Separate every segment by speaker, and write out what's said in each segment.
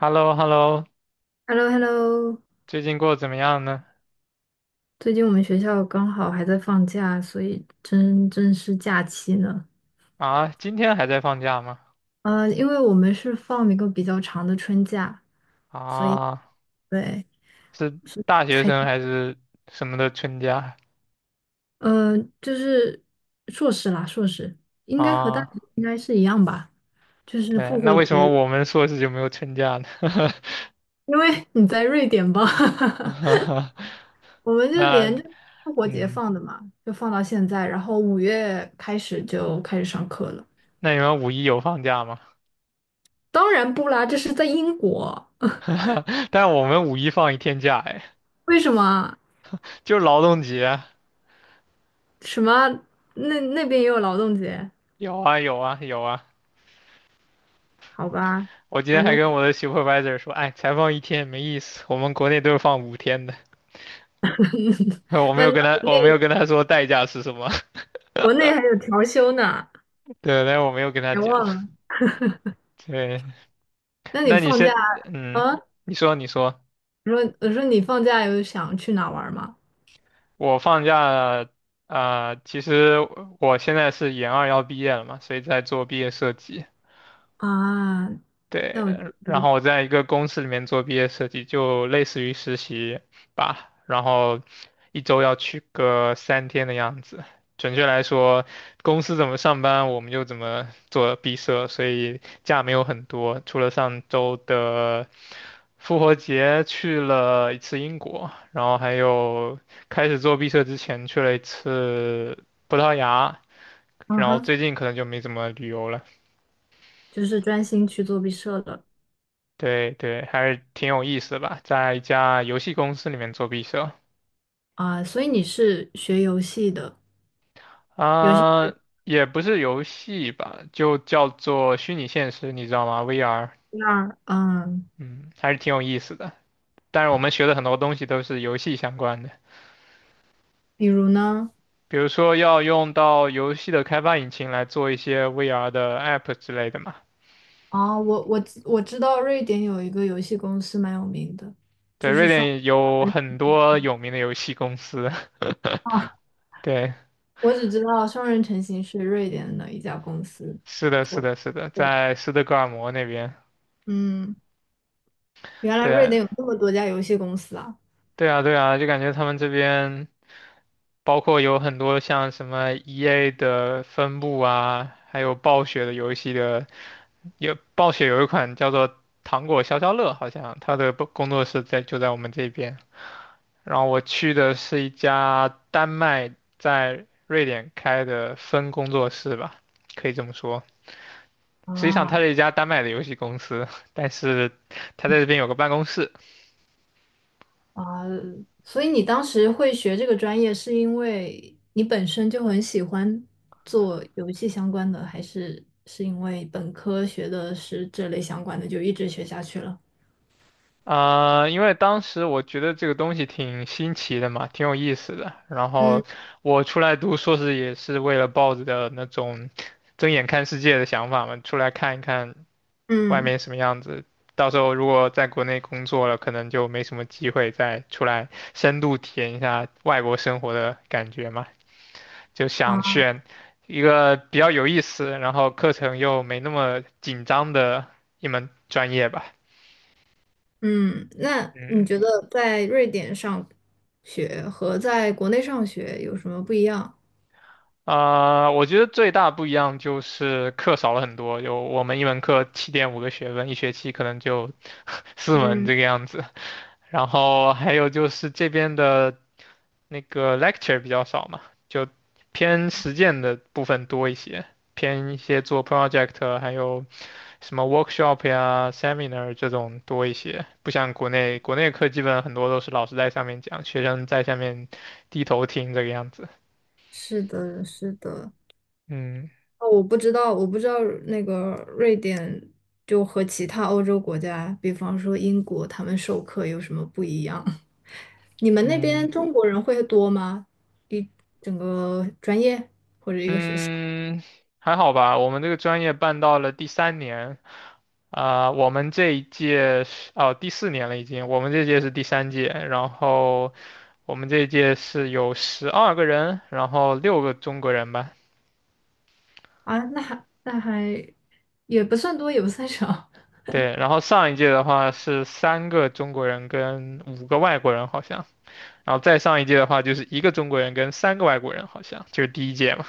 Speaker 1: h e l l o h e l l o
Speaker 2: h e l l o h e l l o
Speaker 1: 最近过得怎么样呢？
Speaker 2: 最近我们学校刚好还在放假，所以真正是假期呢。
Speaker 1: 啊，今天还在放假吗？
Speaker 2: 因为我们是放一个比较长的春假，所以
Speaker 1: 啊，
Speaker 2: 对，
Speaker 1: 是
Speaker 2: 是
Speaker 1: 大学
Speaker 2: 才
Speaker 1: 生还是什么的春假？
Speaker 2: 就是硕士啦，硕士应该和大
Speaker 1: 啊，
Speaker 2: 学应该是一样吧，就是
Speaker 1: 对，
Speaker 2: 复
Speaker 1: 那
Speaker 2: 活
Speaker 1: 为
Speaker 2: 节，
Speaker 1: 什么我们硕士就没有春假呢？
Speaker 2: 因为你在瑞典吧，我们就连
Speaker 1: 那，
Speaker 2: 着复活节
Speaker 1: 嗯，
Speaker 2: 放的嘛，就放到现在，然后五月开始就开始上课了。
Speaker 1: 那你们五一有放假吗？
Speaker 2: 当然不啦，这是在英国。
Speaker 1: 但我们五一放一天假，哎，
Speaker 2: 为什么？
Speaker 1: 就是劳动节。
Speaker 2: 什么？那那边也有劳动节？
Speaker 1: 有啊，有啊，有啊。
Speaker 2: 好吧，
Speaker 1: 我今天
Speaker 2: 反
Speaker 1: 还
Speaker 2: 正
Speaker 1: 跟
Speaker 2: 我
Speaker 1: 我的 supervisor 说，哎，才放一天没意思，我们国内都是放5天的。我没
Speaker 2: 那
Speaker 1: 有
Speaker 2: 那
Speaker 1: 跟他，
Speaker 2: 国
Speaker 1: 我没
Speaker 2: 内
Speaker 1: 有跟他说代价是什么。
Speaker 2: 还有调休呢，
Speaker 1: 对，但是我没有跟他
Speaker 2: 别
Speaker 1: 讲。
Speaker 2: 忘了。
Speaker 1: 对，
Speaker 2: 那你
Speaker 1: 那你
Speaker 2: 放
Speaker 1: 先，
Speaker 2: 假
Speaker 1: 嗯，
Speaker 2: 啊？
Speaker 1: 你说，
Speaker 2: 我说你放假有想去哪玩吗？
Speaker 1: 我放假，啊、其实我现在是研二要毕业了嘛，所以在做毕业设计。
Speaker 2: 啊，那
Speaker 1: 对，
Speaker 2: 我
Speaker 1: 然后我在一个公司里面做毕业设计，就类似于实习吧，然后一周要去个3天的样子。准确来说，公司怎么上班，我们就怎么做毕设，所以假没有很多，除了上周的复活节去了一次英国，然后还有开始做毕设之前去了一次葡萄牙，
Speaker 2: 嗯
Speaker 1: 然后
Speaker 2: 哼，
Speaker 1: 最近可能就没怎么旅游了。
Speaker 2: 就是专心去做毕设的
Speaker 1: 对对，还是挺有意思的吧，在一家游戏公司里面做毕设
Speaker 2: 啊。所以你是学游戏的，游戏
Speaker 1: 啊，也不是游戏吧，就叫做虚拟现实，你知道吗？VR,
Speaker 2: 那儿嗯，
Speaker 1: 嗯，还是挺有意思的。但是我们学的很多东西都是游戏相关的，
Speaker 2: 比如呢？
Speaker 1: 比如说要用到游戏的开发引擎来做一些 VR 的 App 之类的嘛。
Speaker 2: 哦，我知道瑞典有一个游戏公司蛮有名的。
Speaker 1: 对，瑞典有很多有名的游戏公司。
Speaker 2: 啊，
Speaker 1: 对，
Speaker 2: 我只知道双人成行是瑞典的一家公司
Speaker 1: 是的，是
Speaker 2: 做的
Speaker 1: 的，是的，
Speaker 2: 对，
Speaker 1: 在斯德哥尔摩那边。
Speaker 2: 嗯，原来
Speaker 1: 对
Speaker 2: 瑞
Speaker 1: 啊，
Speaker 2: 典有这么多家游戏公司啊！
Speaker 1: 对啊，对啊，就感觉他们这边。包括有很多像什么 EA 的分部啊，还有暴雪的游戏的，有暴雪有一款叫做《糖果消消乐》，好像它的工作室在就在我们这边。然后我去的是一家丹麦在瑞典开的分工作室吧，可以这么说。实际上它
Speaker 2: 啊
Speaker 1: 是一家丹麦的游戏公司，但是它在这边有个办公室。
Speaker 2: 啊，所以你当时会学这个专业，是因为你本身就很喜欢做游戏相关的，还是是因为本科学的是这类相关的，就一直学下去了？
Speaker 1: 啊、因为当时我觉得这个东西挺新奇的嘛，挺有意思的。然后
Speaker 2: 嗯
Speaker 1: 我出来读硕士也是为了抱着的那种睁眼看世界的想法嘛，出来看一看外
Speaker 2: 嗯。
Speaker 1: 面什么样子。到时候如果在国内工作了，可能就没什么机会再出来深度体验一下外国生活的感觉嘛。就想
Speaker 2: 啊。
Speaker 1: 选一个比较有意思，然后课程又没那么紧张的一门专业吧。
Speaker 2: 嗯，那你
Speaker 1: 嗯。
Speaker 2: 觉得在瑞典上学和在国内上学有什么不一样？
Speaker 1: 啊、我觉得最大不一样就是课少了很多，有我们一门课7.5个学分，一学期可能就 四门
Speaker 2: 嗯，
Speaker 1: 这个样子。然后还有就是这边的那个 lecture 比较少嘛，就偏实践的部分多一些，偏一些做 project,还有什么 workshop 呀、seminar 这种多一些。不像国内，国内课基本很多都是老师在上面讲，学生在下面低头听这个样子。
Speaker 2: 是的，是的。
Speaker 1: 嗯
Speaker 2: 哦，我不知道，那个瑞典就和其他欧洲国家，比方说英国，他们授课有什么不一样？你们那
Speaker 1: 嗯。
Speaker 2: 边中国人会多吗？一整个专业或者一个学校
Speaker 1: 嗯，还好吧。我们这个专业办到了第三年，啊、我们这一届是哦第四年了已经，我们这届是第三届，然后我们这一届是有12个人，然后六个中国人吧，
Speaker 2: 啊？那还也不算多，也不算少。
Speaker 1: 对，然后上一届的话是三个中国人跟五个外国人好像，然后再上一届的话就是一个中国人跟三个外国人好像，就是第一届嘛。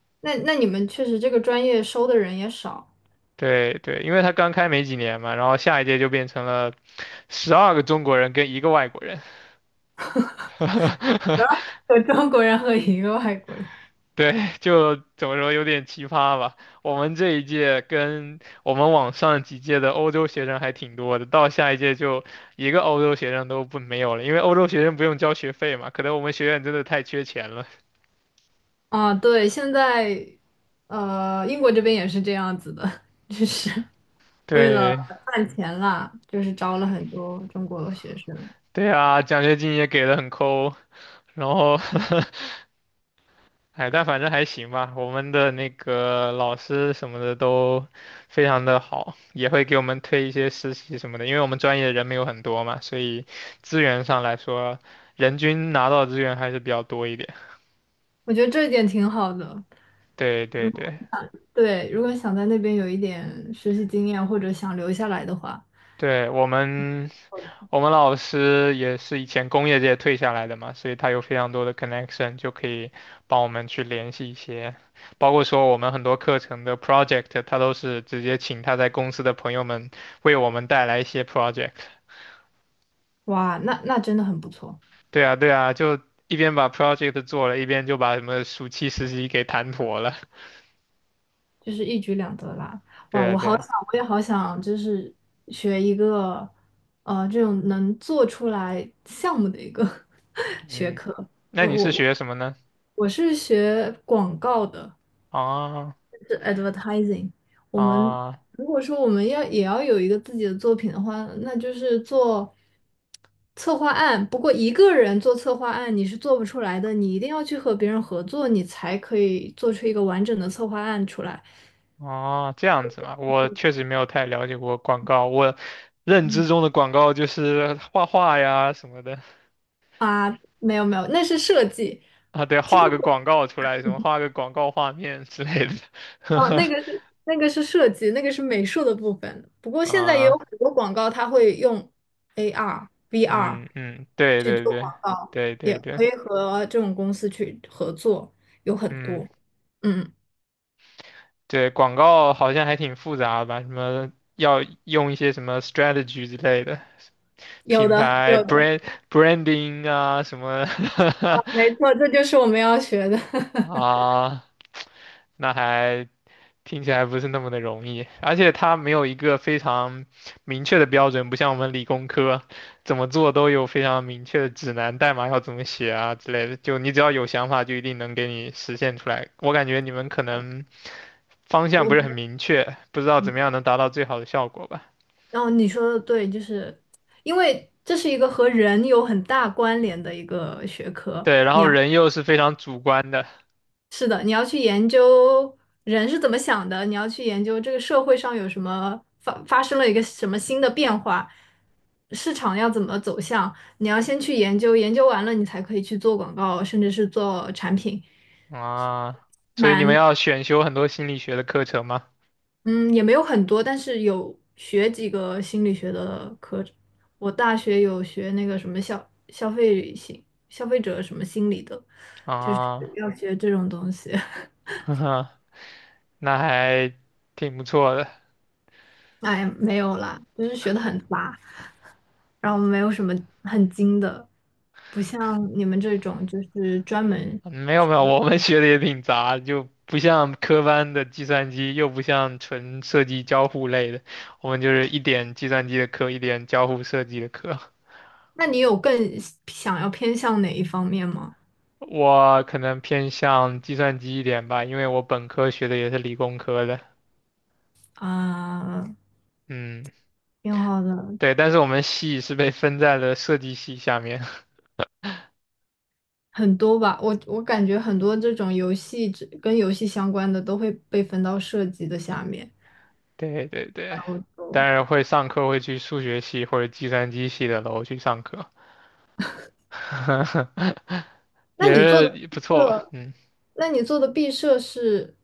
Speaker 2: 那那你们确实这个专业收的人也少，
Speaker 1: 对对，因为他刚开没几年嘛，然后下一届就变成了12个中国人跟一个外国人。
Speaker 2: 有中国人和一个外国人。
Speaker 1: 对，就怎么说有点奇葩吧。我们这一届跟我们往上几届的欧洲学生还挺多的，到下一届就一个欧洲学生都不没有了，因为欧洲学生不用交学费嘛。可能我们学院真的太缺钱了。
Speaker 2: 啊，对，现在英国这边也是这样子的，就是。为了
Speaker 1: 对，
Speaker 2: 赚钱啦，就是招了很多中国学生，
Speaker 1: 对啊，奖学金也给的很抠，然后哎，但反正还行吧。我们的那个老师什么的都非常的好，也会给我们推一些实习什么的。因为我们专业人没有很多嘛，所以资源上来说，人均拿到的资源还是比较多一点。
Speaker 2: 我觉得这一点挺好的。
Speaker 1: 对对对
Speaker 2: 对，如果想在那边有一点实习经验，或者想留下来的话，
Speaker 1: 对，我们老师也是以前工业界退下来的嘛，所以他有非常多的 connection,就可以帮我们去联系一些，包括说我们很多课程的 project,他都是直接请他在公司的朋友们为我们带来一些 project。
Speaker 2: 哇，那真的很不错，
Speaker 1: 对啊，对啊，就一边把 project 做了，一边就把什么暑期实习给谈妥了。
Speaker 2: 就是一举两得啦。
Speaker 1: 对
Speaker 2: 哇，
Speaker 1: 啊，
Speaker 2: 我
Speaker 1: 对
Speaker 2: 好
Speaker 1: 啊，
Speaker 2: 想，就是学一个，这种能做出来项目的一个 学
Speaker 1: 嗯，
Speaker 2: 科。
Speaker 1: 那
Speaker 2: 呃，
Speaker 1: 你是
Speaker 2: 我
Speaker 1: 学什么呢？
Speaker 2: 我是学广告的，
Speaker 1: 啊
Speaker 2: 是 advertising。我们
Speaker 1: 啊。
Speaker 2: 如果说我们要也要有一个自己的作品的话，那就是做策划案。不过一个人做策划案你是做不出来的，你一定要去和别人合作，你才可以做出一个完整的策划案出来
Speaker 1: 哦，这样子嘛，我确实没有太了解过广告。我认知中的广告就是画画呀什么的
Speaker 2: 啊。没有没有，那是设计。
Speaker 1: 啊，对，
Speaker 2: 其实。
Speaker 1: 画个广告出来，什么画个广告画面之类的。
Speaker 2: 哦，那个是设计，那个是美术的部分。不过现在也有
Speaker 1: 啊，
Speaker 2: 很多广告，它会用 AR、VR
Speaker 1: 嗯嗯，对
Speaker 2: 去
Speaker 1: 对
Speaker 2: 做
Speaker 1: 对
Speaker 2: 广告，
Speaker 1: 对对
Speaker 2: 也
Speaker 1: 对，
Speaker 2: 可以和这种公司去合作，有很
Speaker 1: 嗯，
Speaker 2: 多。嗯，
Speaker 1: 对，广告好像还挺复杂吧，什么要用一些什么 strategy 之类的，
Speaker 2: 有
Speaker 1: 品
Speaker 2: 的，
Speaker 1: 牌 brand branding 啊什么
Speaker 2: 没错，这就是我们要学的。
Speaker 1: 啊，那还听起来不是那么的容易，而且它没有一个非常明确的标准，不像我们理工科怎么做都有非常明确的指南，代码要怎么写啊之类的。就你只要有想法，就一定能给你实现出来。我感觉你们可能方向
Speaker 2: 我
Speaker 1: 不是
Speaker 2: 们，
Speaker 1: 很明确，不知道怎么样能达到最好的效果吧？
Speaker 2: 然后你说的对，就是因为这是一个和人有很大关联的一个学科，
Speaker 1: 对，然后人又是非常主观的
Speaker 2: 是的，你要去研究人是怎么想的，你要去研究这个社会上有什么发生了一个什么新的变化，市场要怎么走向，你要先去研究，研究完了你才可以去做广告，甚至是做产品。
Speaker 1: 啊，所以你们
Speaker 2: 蛮，
Speaker 1: 要选修很多心理学的课程吗？
Speaker 2: 嗯，也没有很多，但是有学几个心理学的课。我大学有学那个什么消费消费者什么心理的，就是
Speaker 1: 啊，
Speaker 2: 要学这种东西。
Speaker 1: 呵呵，那还挺不错的。
Speaker 2: 哎，没有啦，就是学的很杂。然后没有什么很精的，不像你们这种就是专门。
Speaker 1: 没有没有，我们学的也挺杂，就不像科班的计算机，又不像纯设计交互类的，我们就是一点计算机的课，一点交互设计的课。
Speaker 2: 那你有更想要偏向哪一方面吗？
Speaker 1: 我可能偏向计算机一点吧，因为我本科学的也是理工科的。
Speaker 2: 啊、
Speaker 1: 嗯，
Speaker 2: 挺好的，
Speaker 1: 对，但是我们系是被分在了设计系下面。
Speaker 2: 很多吧。我感觉很多这种游戏只跟游戏相关的都会被分到设计的下面。
Speaker 1: 对对
Speaker 2: 然
Speaker 1: 对，
Speaker 2: 后
Speaker 1: 当
Speaker 2: 就，
Speaker 1: 然会上课会去数学系或者计算机系的楼去上课，
Speaker 2: 那
Speaker 1: 也
Speaker 2: 你做的
Speaker 1: 是
Speaker 2: 毕
Speaker 1: 不错吧。
Speaker 2: 设，
Speaker 1: 嗯。
Speaker 2: 那你做的毕设是，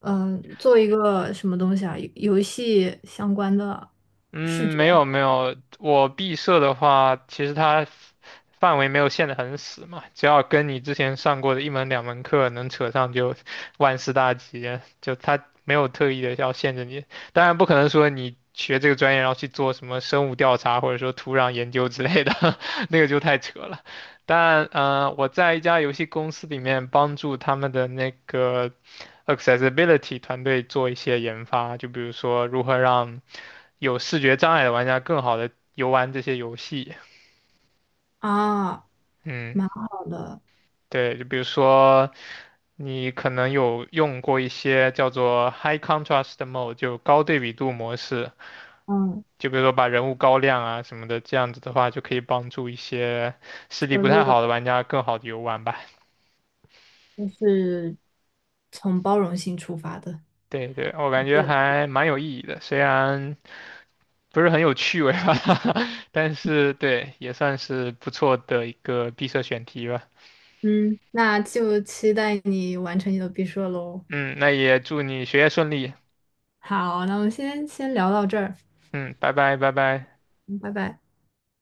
Speaker 2: 嗯、做一个什么东西啊？游戏相关的视
Speaker 1: 嗯，
Speaker 2: 觉
Speaker 1: 没有没有，我毕设的话，其实它范围没有限得很死嘛，只要跟你之前上过的一门两门课能扯上，就万事大吉。就它没有特意的要限制你，当然不可能说你学这个专业然后去做什么生物调查或者说土壤研究之类的，那个就太扯了。但我在一家游戏公司里面帮助他们的那个 accessibility 团队做一些研发，就比如说如何让有视觉障碍的玩家更好的游玩这些游戏。
Speaker 2: 啊。
Speaker 1: 嗯，
Speaker 2: 蛮好的，
Speaker 1: 对，就比如说你可能有用过一些叫做 High Contrast Mode,就高对比度模式，
Speaker 2: 嗯，
Speaker 1: 就比如说把人物高亮啊什么的，这样子的话就可以帮助一些视力
Speaker 2: 削
Speaker 1: 不太
Speaker 2: 弱
Speaker 1: 好的
Speaker 2: 的，
Speaker 1: 玩家更好的游玩吧。
Speaker 2: 就是从包容性出发的。
Speaker 1: 对对，我感觉
Speaker 2: 对，
Speaker 1: 还蛮有意义的，虽然不是很有趣味吧，但是对，也算是不错的一个闭塞选题吧。
Speaker 2: 嗯，那就期待你完成你的毕设喽。
Speaker 1: 嗯，那也祝你学业顺利。
Speaker 2: 好，那我们先聊到这儿，
Speaker 1: 嗯，拜拜，拜拜。
Speaker 2: 嗯拜拜。